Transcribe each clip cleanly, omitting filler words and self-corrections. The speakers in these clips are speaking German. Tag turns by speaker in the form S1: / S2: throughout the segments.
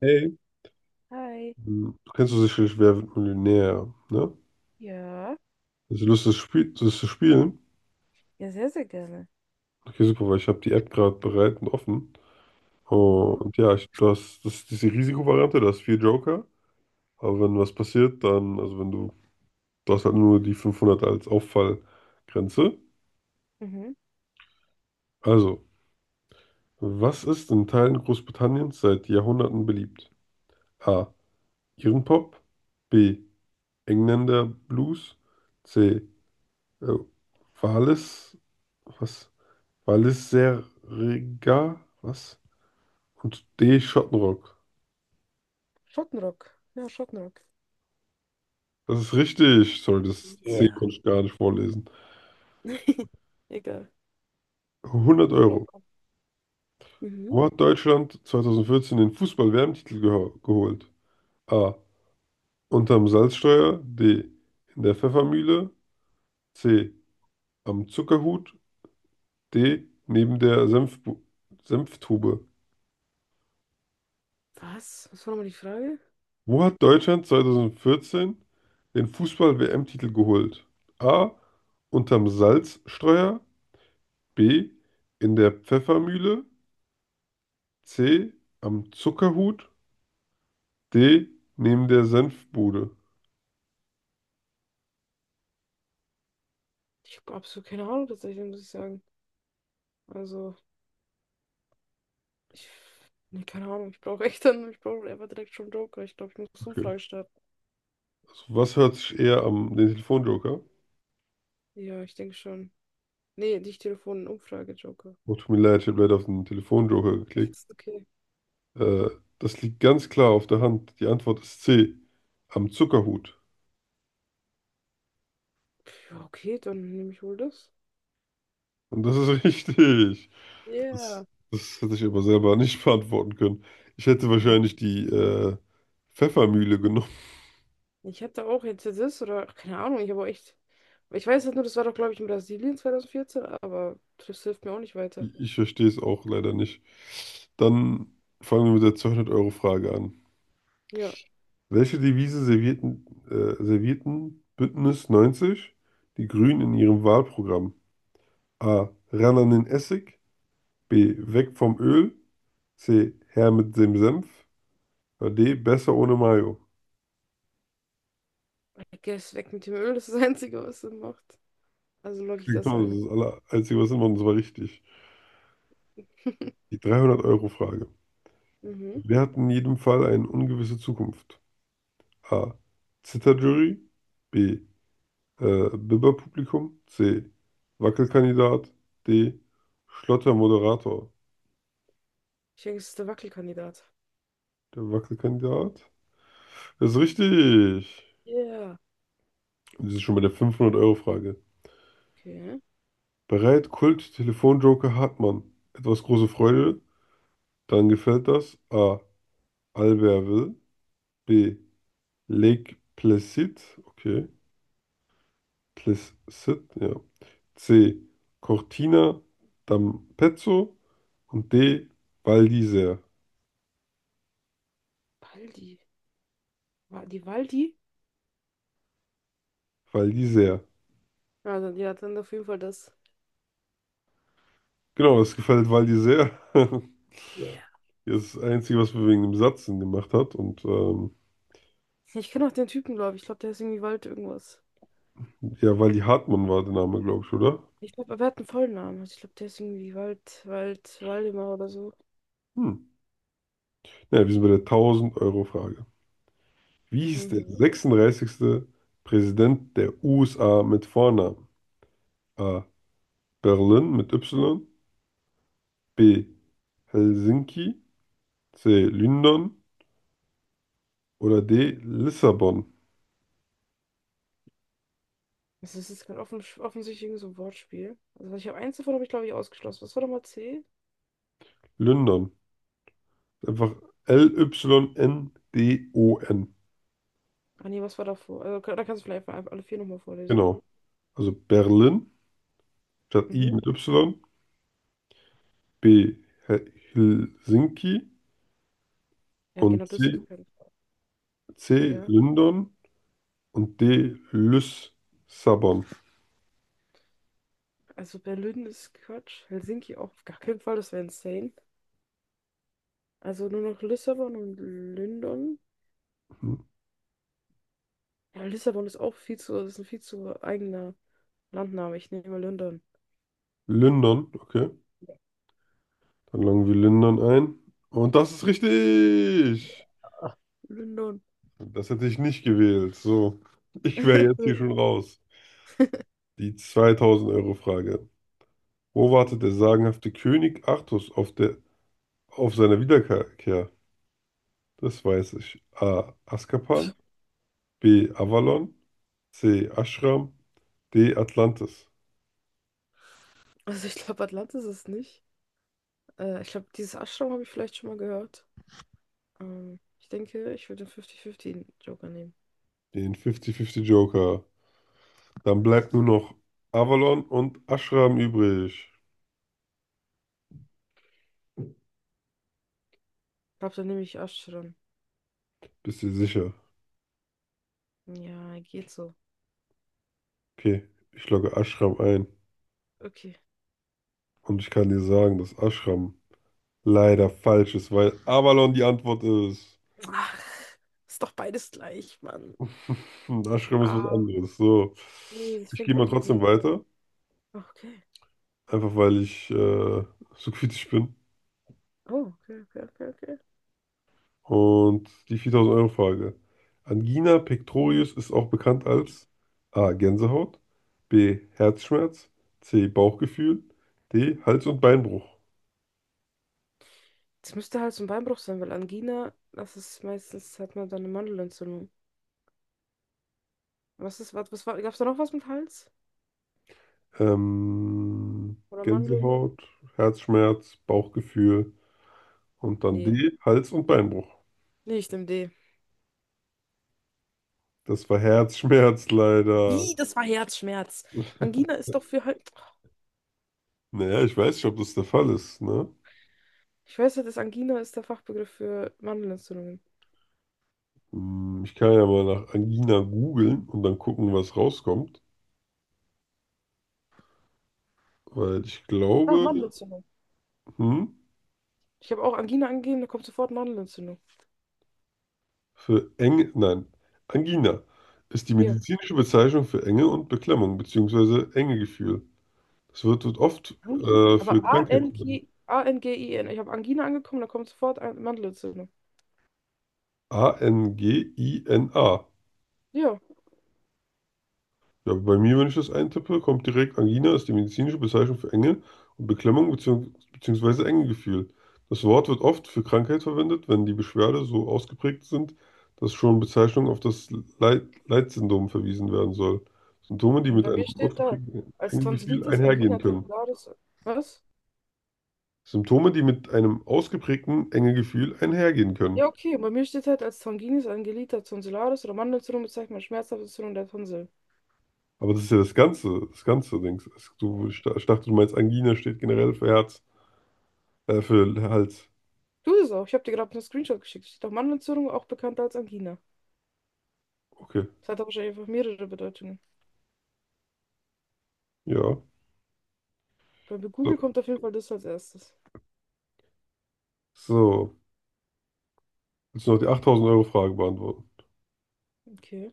S1: Hey.
S2: Hi.
S1: Hm, Du Kennst du sicherlich Wer wird Millionär, ne?
S2: Ja.
S1: Hast du Lust, das Spiel, das zu spielen?
S2: Ja, sehr, sehr gerne.
S1: Okay, super, weil ich habe die App gerade bereit und offen. Oh,
S2: Mhm.
S1: und ja, das ist diese Risikovariante, du hast vier Joker. Aber wenn was passiert, dann, also wenn du, du hast halt nur die 500 als Auffallgrenze.
S2: Mhm.
S1: Also, was ist in Teilen Großbritanniens seit Jahrhunderten beliebt? A. Irrenpop. B. Engländer Blues. C. Äh, Wales. Was? Balenciaga, was? Und D. Schottenrock.
S2: Schottenrock. Ja, Schottenrock.
S1: Das ist richtig. Sorry,
S2: Mhm.
S1: das C
S2: Ja.
S1: konnte ich gar nicht vorlesen.
S2: Egal.
S1: 100
S2: Doch.
S1: Euro.
S2: Mhm.
S1: Wo hat Deutschland 2014 den Fußball-WM-Titel geholt? A. Unterm Salzsteuer. D. In der Pfeffermühle. C. Am Zuckerhut. D. Neben der Senfbu Senftube.
S2: Was? Was war nochmal die Frage?
S1: Wo hat Deutschland 2014 den Fußball-WM-Titel geholt? A. Unterm Salzsteuer. B. In der Pfeffermühle. C. Am Zuckerhut. D. Neben der Senfbude.
S2: Ich habe absolut keine Ahnung tatsächlich, muss ich sagen. Also, ich. Nee, keine Ahnung. Ich brauche echt dann. Ich brauche einfach direkt schon Joker. Ich glaube, ich muss
S1: Okay.
S2: Umfrage starten.
S1: Also was hört sich eher am den Telefonjoker?
S2: Ja, ich denke schon. Nee, nicht Telefon, Umfrage, Joker.
S1: Oh, tut mir leid, ich habe leider auf den Telefonjoker
S2: Das
S1: geklickt.
S2: ist okay.
S1: Äh, Das liegt ganz klar auf der Hand. Die Antwort ist C. Am Zuckerhut.
S2: Ja, okay, dann nehme ich wohl das.
S1: Und das ist richtig. Das,
S2: Ja.
S1: das hätte ich aber selber nicht beantworten können. Ich hätte
S2: Yeah.
S1: wahrscheinlich die Pfeffermühle genommen.
S2: Ich hatte auch jetzt das oder ach, keine Ahnung, ich habe auch echt. Ich weiß halt nur, das war doch, glaube ich, in Brasilien 2014, aber das hilft mir auch nicht weiter.
S1: Ich verstehe es auch leider nicht. Dann fangen wir mit der 200-Euro-Frage an.
S2: Ja,
S1: Welche Devise servierten Bündnis 90, die Grünen, in ihrem Wahlprogramm? A. Ran an den Essig. B. Weg vom Öl. C. Her mit dem Senf. Oder D. Besser ohne Mayo.
S2: I guess weg mit dem Öl, das ist das Einzige, was Sinn macht. Also logge ich das
S1: Genau, das
S2: ein.
S1: ist das Einzige, was immer, und zwar richtig. Die 300-Euro-Frage.
S2: Mhm.
S1: Wer hat in jedem Fall eine ungewisse Zukunft? A. Zitterjury. B. Bibber-Publikum. C. Wackelkandidat. D. Schlottermoderator.
S2: Ich denke, es ist der Wackelkandidat.
S1: Der Wackelkandidat ist richtig.
S2: Ja, yeah.
S1: Und das ist schon bei der 500-Euro-Frage.
S2: Okay.
S1: Bereit, Kult, Telefonjoker, Hartmann. Etwas große Freude. Dann gefällt das. A. Albertville. B. Lake Placid. Okay. Placid, ja. C. Cortina d'Ampezzo. Und D. Val d'Isère.
S2: Baldi. Die Waldi?
S1: Val d'Isère.
S2: Ja, dann auf jeden Fall das.
S1: Genau, es gefällt Waldi sehr.
S2: Yeah.
S1: Ja, das ist das Einzige, was wir wegen dem Satz Sinn gemacht hat. Und
S2: Ich kenne auch den Typen, glaube ich. Ich glaube, der ist irgendwie Wald irgendwas.
S1: ja, Waldi Hartmann war der Name, glaube ich, oder?
S2: Ich glaube, er hat einen vollen Namen. Also ich glaube, der ist irgendwie Waldemar oder so.
S1: Hm. Ja, wir sind bei der 1.000 € frage. Wie hieß der
S2: Mhm.
S1: 36. Präsident der USA mit Vornamen? A. Berlin mit Y. B. Helsinki. C. London. Oder D. Lissabon.
S2: Das ist jetzt kein offensichtlich irgend so ein Wortspiel. Also ich habe eins davon, habe ich glaube ich ausgeschlossen. Was war nochmal C?
S1: London. Einfach L-Y-N-D-O-N.
S2: Ah nee, was war davor? Also, da kannst du vielleicht einfach alle vier nochmal vorlesen.
S1: Genau. Also Berlin statt I
S2: Mhm.
S1: mit Y. B. Helsinki.
S2: Ja,
S1: Und
S2: genau, das ist
S1: C.
S2: kein.
S1: C.
S2: Ja,
S1: London. Und D. Lissabon.
S2: also Berlin ist Quatsch. Helsinki auch auf gar keinen Fall, das wäre insane. Also nur noch Lissabon und London.
S1: Mhm.
S2: Ja, Lissabon ist auch viel zu, das ist ein viel zu eigener Landname. Ich nehme mal London.
S1: London, okay. Dann loggen wir London ein. Und das ist richtig!
S2: London.
S1: Das hätte ich nicht gewählt. So, ich wäre jetzt hier schon raus. Die 2000-Euro-Frage. Wo wartet der sagenhafte König Artus auf auf seiner Wiederkehr? Das weiß ich. A. Azkaban. B. Avalon. C. Ashram. D. Atlantis.
S2: Also ich glaube, Atlantis ist es nicht. Ich glaube, dieses Ashram habe ich vielleicht schon mal gehört. Ich denke, ich würde den 50-50-Joker nehmen.
S1: Den 50-50 Joker. Dann bleibt nur noch Avalon und Ashram übrig.
S2: Ich glaube, dann nehme ich Ashram.
S1: Bist du sicher?
S2: Ja, geht so.
S1: Okay, ich logge Ashram ein.
S2: Okay.
S1: Und ich kann dir sagen, dass Ashram leider falsch ist, weil Avalon die Antwort ist.
S2: Ach, ist doch beides gleich, Mann.
S1: Und Ashram ist was
S2: Ah,
S1: anderes. So.
S2: nee, das
S1: Ich gehe
S2: fängt
S1: mal
S2: doch mit dem
S1: trotzdem
S2: gleichen.
S1: weiter.
S2: Okay.
S1: Einfach, weil ich so kritisch bin.
S2: Oh, okay, okay, okay, okay.
S1: Und die 4.000 € frage. Angina pectoris ist auch bekannt als A. Gänsehaut, B. Herzschmerz, C. Bauchgefühl, D. Hals- und Beinbruch.
S2: Das müsste halt so ein Beinbruch sein, weil Angina, das ist meistens, hat man dann eine Mandelentzündung. Was war, gab's da noch was mit Hals?
S1: Ähm,
S2: Oder Mandeln?
S1: Gänsehaut, Herzschmerz, Bauchgefühl und dann
S2: Nee.
S1: D. Hals- und Beinbruch.
S2: Nee, ich nehme D.
S1: Das war Herzschmerz leider.
S2: Wie? Das war Herzschmerz. Angina ist doch für halt.
S1: Naja, ich weiß nicht, ob das der Fall ist, ne?
S2: Ich weiß ja, dass Angina ist der Fachbegriff für Mandelentzündung.
S1: Ich kann ja mal nach Angina googeln und dann gucken, was rauskommt. Weil ich
S2: Ah,
S1: glaube,
S2: Mandelentzündung.
S1: hm,
S2: Ich habe auch Angina angegeben, da kommt sofort Mandelentzündung.
S1: Nein, Angina ist die
S2: Hier.
S1: medizinische Bezeichnung für Enge und Beklemmung beziehungsweise Engegefühl. Es wird oft
S2: Angina. Aber
S1: für Krankheit verwendet.
S2: A-N-G-I-N. Ich habe Angina angekommen, da kommt sofort Mandelentzündung.
S1: A-N-G-I-N-A.
S2: Ja.
S1: Ja, bei mir, wenn ich das eintippe, kommt direkt: Angina ist die medizinische Bezeichnung für Enge und Beklemmung bzw. Engegefühl. Das Wort wird oft für Krankheit verwendet, wenn die Beschwerde so ausgeprägt sind, dass schon Bezeichnung auf das Leid Leitsyndrom verwiesen werden soll. Symptome, die
S2: Und
S1: mit
S2: bei
S1: einem
S2: mir steht da
S1: ausgeprägten
S2: als
S1: Engegefühl
S2: Tonsillitis,
S1: einhergehen
S2: Angina
S1: können.
S2: tonsillaris. Was?
S1: Symptome, die mit einem ausgeprägten Engegefühl einhergehen können.
S2: Ja, okay. Und bei mir steht halt als Tonginis, Angelita tonsillaris oder Mandelentzündung bezeichnet man schmerzhafte Entzündung der Tonsil.
S1: Aber das ist ja das ganze Ding. Du, ich dachte, du meinst, Angina steht generell für Herz, für Hals.
S2: Du es auch. Ich habe dir gerade einen Screenshot geschickt. Steht auch Mandelentzündung, auch bekannt als Angina.
S1: Okay,
S2: Das hat aber wahrscheinlich einfach mehrere Bedeutungen.
S1: ja.
S2: Bei
S1: So.
S2: Google kommt auf jeden Fall das als erstes.
S1: So. Willst du noch die 8000-Euro-Frage beantworten?
S2: Okay.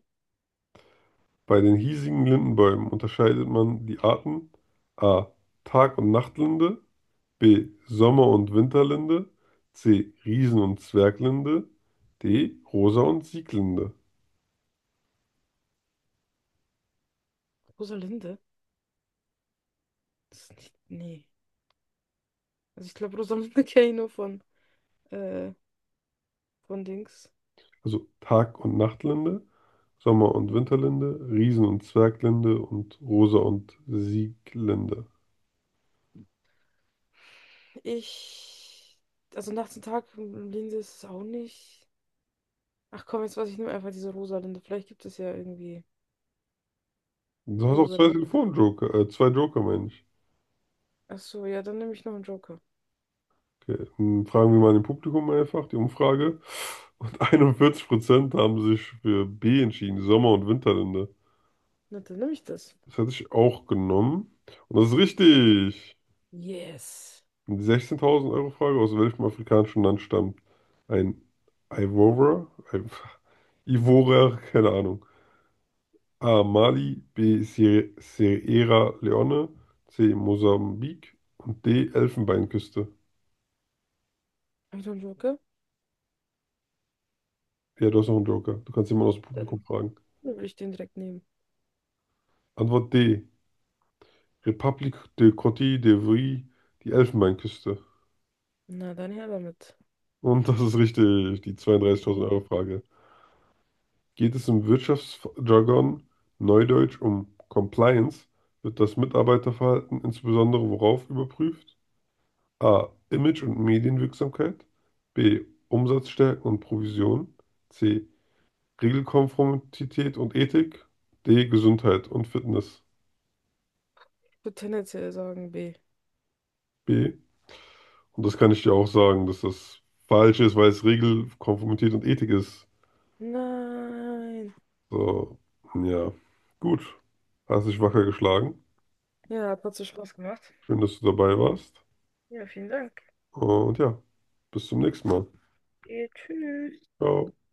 S1: Bei den hiesigen Lindenbäumen unterscheidet man die Arten A. Tag- und Nachtlinde, B. Sommer- und Winterlinde, C. Riesen- und Zwerglinde, D. Rosa- und Sieglinde.
S2: Rosalinde? Das ist nicht. Nee. Also ich glaube, Rosamunde kenne ich nur äh, von Dings.
S1: Also Tag- und Nachtlinde, Sommer- und Winterlinde, Riesen- und Zwerglinde und Rosa- und Sieglinde.
S2: Ich, also nachts und Tag, Linse ist es auch nicht. Ach komm, jetzt weiß ich nur einfach diese Rosalinde. Vielleicht gibt es ja irgendwie
S1: Du hast auch zwei
S2: Rosalinde.
S1: Telefonjoker, zwei Joker, meine ich.
S2: Ach so, ja, dann nehme ich noch einen Joker.
S1: Okay. Dann fragen wir mal im Publikum einfach die Umfrage. Und 41% haben sich für B entschieden, Sommer- und Winterlinde.
S2: Na, dann nehme ich das.
S1: Das hätte ich auch genommen. Und das ist richtig.
S2: Yes.
S1: Die 16.000 € Frage: aus welchem afrikanischen Land stammt ein Ivorer? Ein Ivorer, keine Ahnung. A. Mali. B. Sierra Leone. C. Mosambik. Und D. Elfenbeinküste.
S2: Habe ich noch einen Joker?
S1: Ja, du hast noch einen Joker. Du kannst jemanden aus dem Publikum
S2: Dann
S1: fragen.
S2: würde ich den direkt nehmen.
S1: Antwort D. Republik de Côte d'Ivoire, die Elfenbeinküste.
S2: Na, dann her damit.
S1: Und das ist richtig. Die 32.000
S2: Je-
S1: Euro Frage: Geht es im Wirtschaftsjargon, Neudeutsch, um Compliance? Wird das Mitarbeiterverhalten insbesondere worauf überprüft? A. Image und Medienwirksamkeit. B. Umsatzstärke und Provision. C. Regelkonformität und Ethik. D. Gesundheit und Fitness.
S2: Ich würde tendenziell sagen B.
S1: B. Und das kann ich dir auch sagen, dass das falsch ist, weil es Regelkonformität und Ethik ist.
S2: Nein.
S1: So, ja. Gut. Hast dich wacker geschlagen.
S2: Ja, hat trotzdem Spaß gemacht.
S1: Schön, dass du dabei warst.
S2: Ja, vielen Dank.
S1: Und ja, bis zum nächsten Mal.
S2: Tschüss.
S1: Ciao.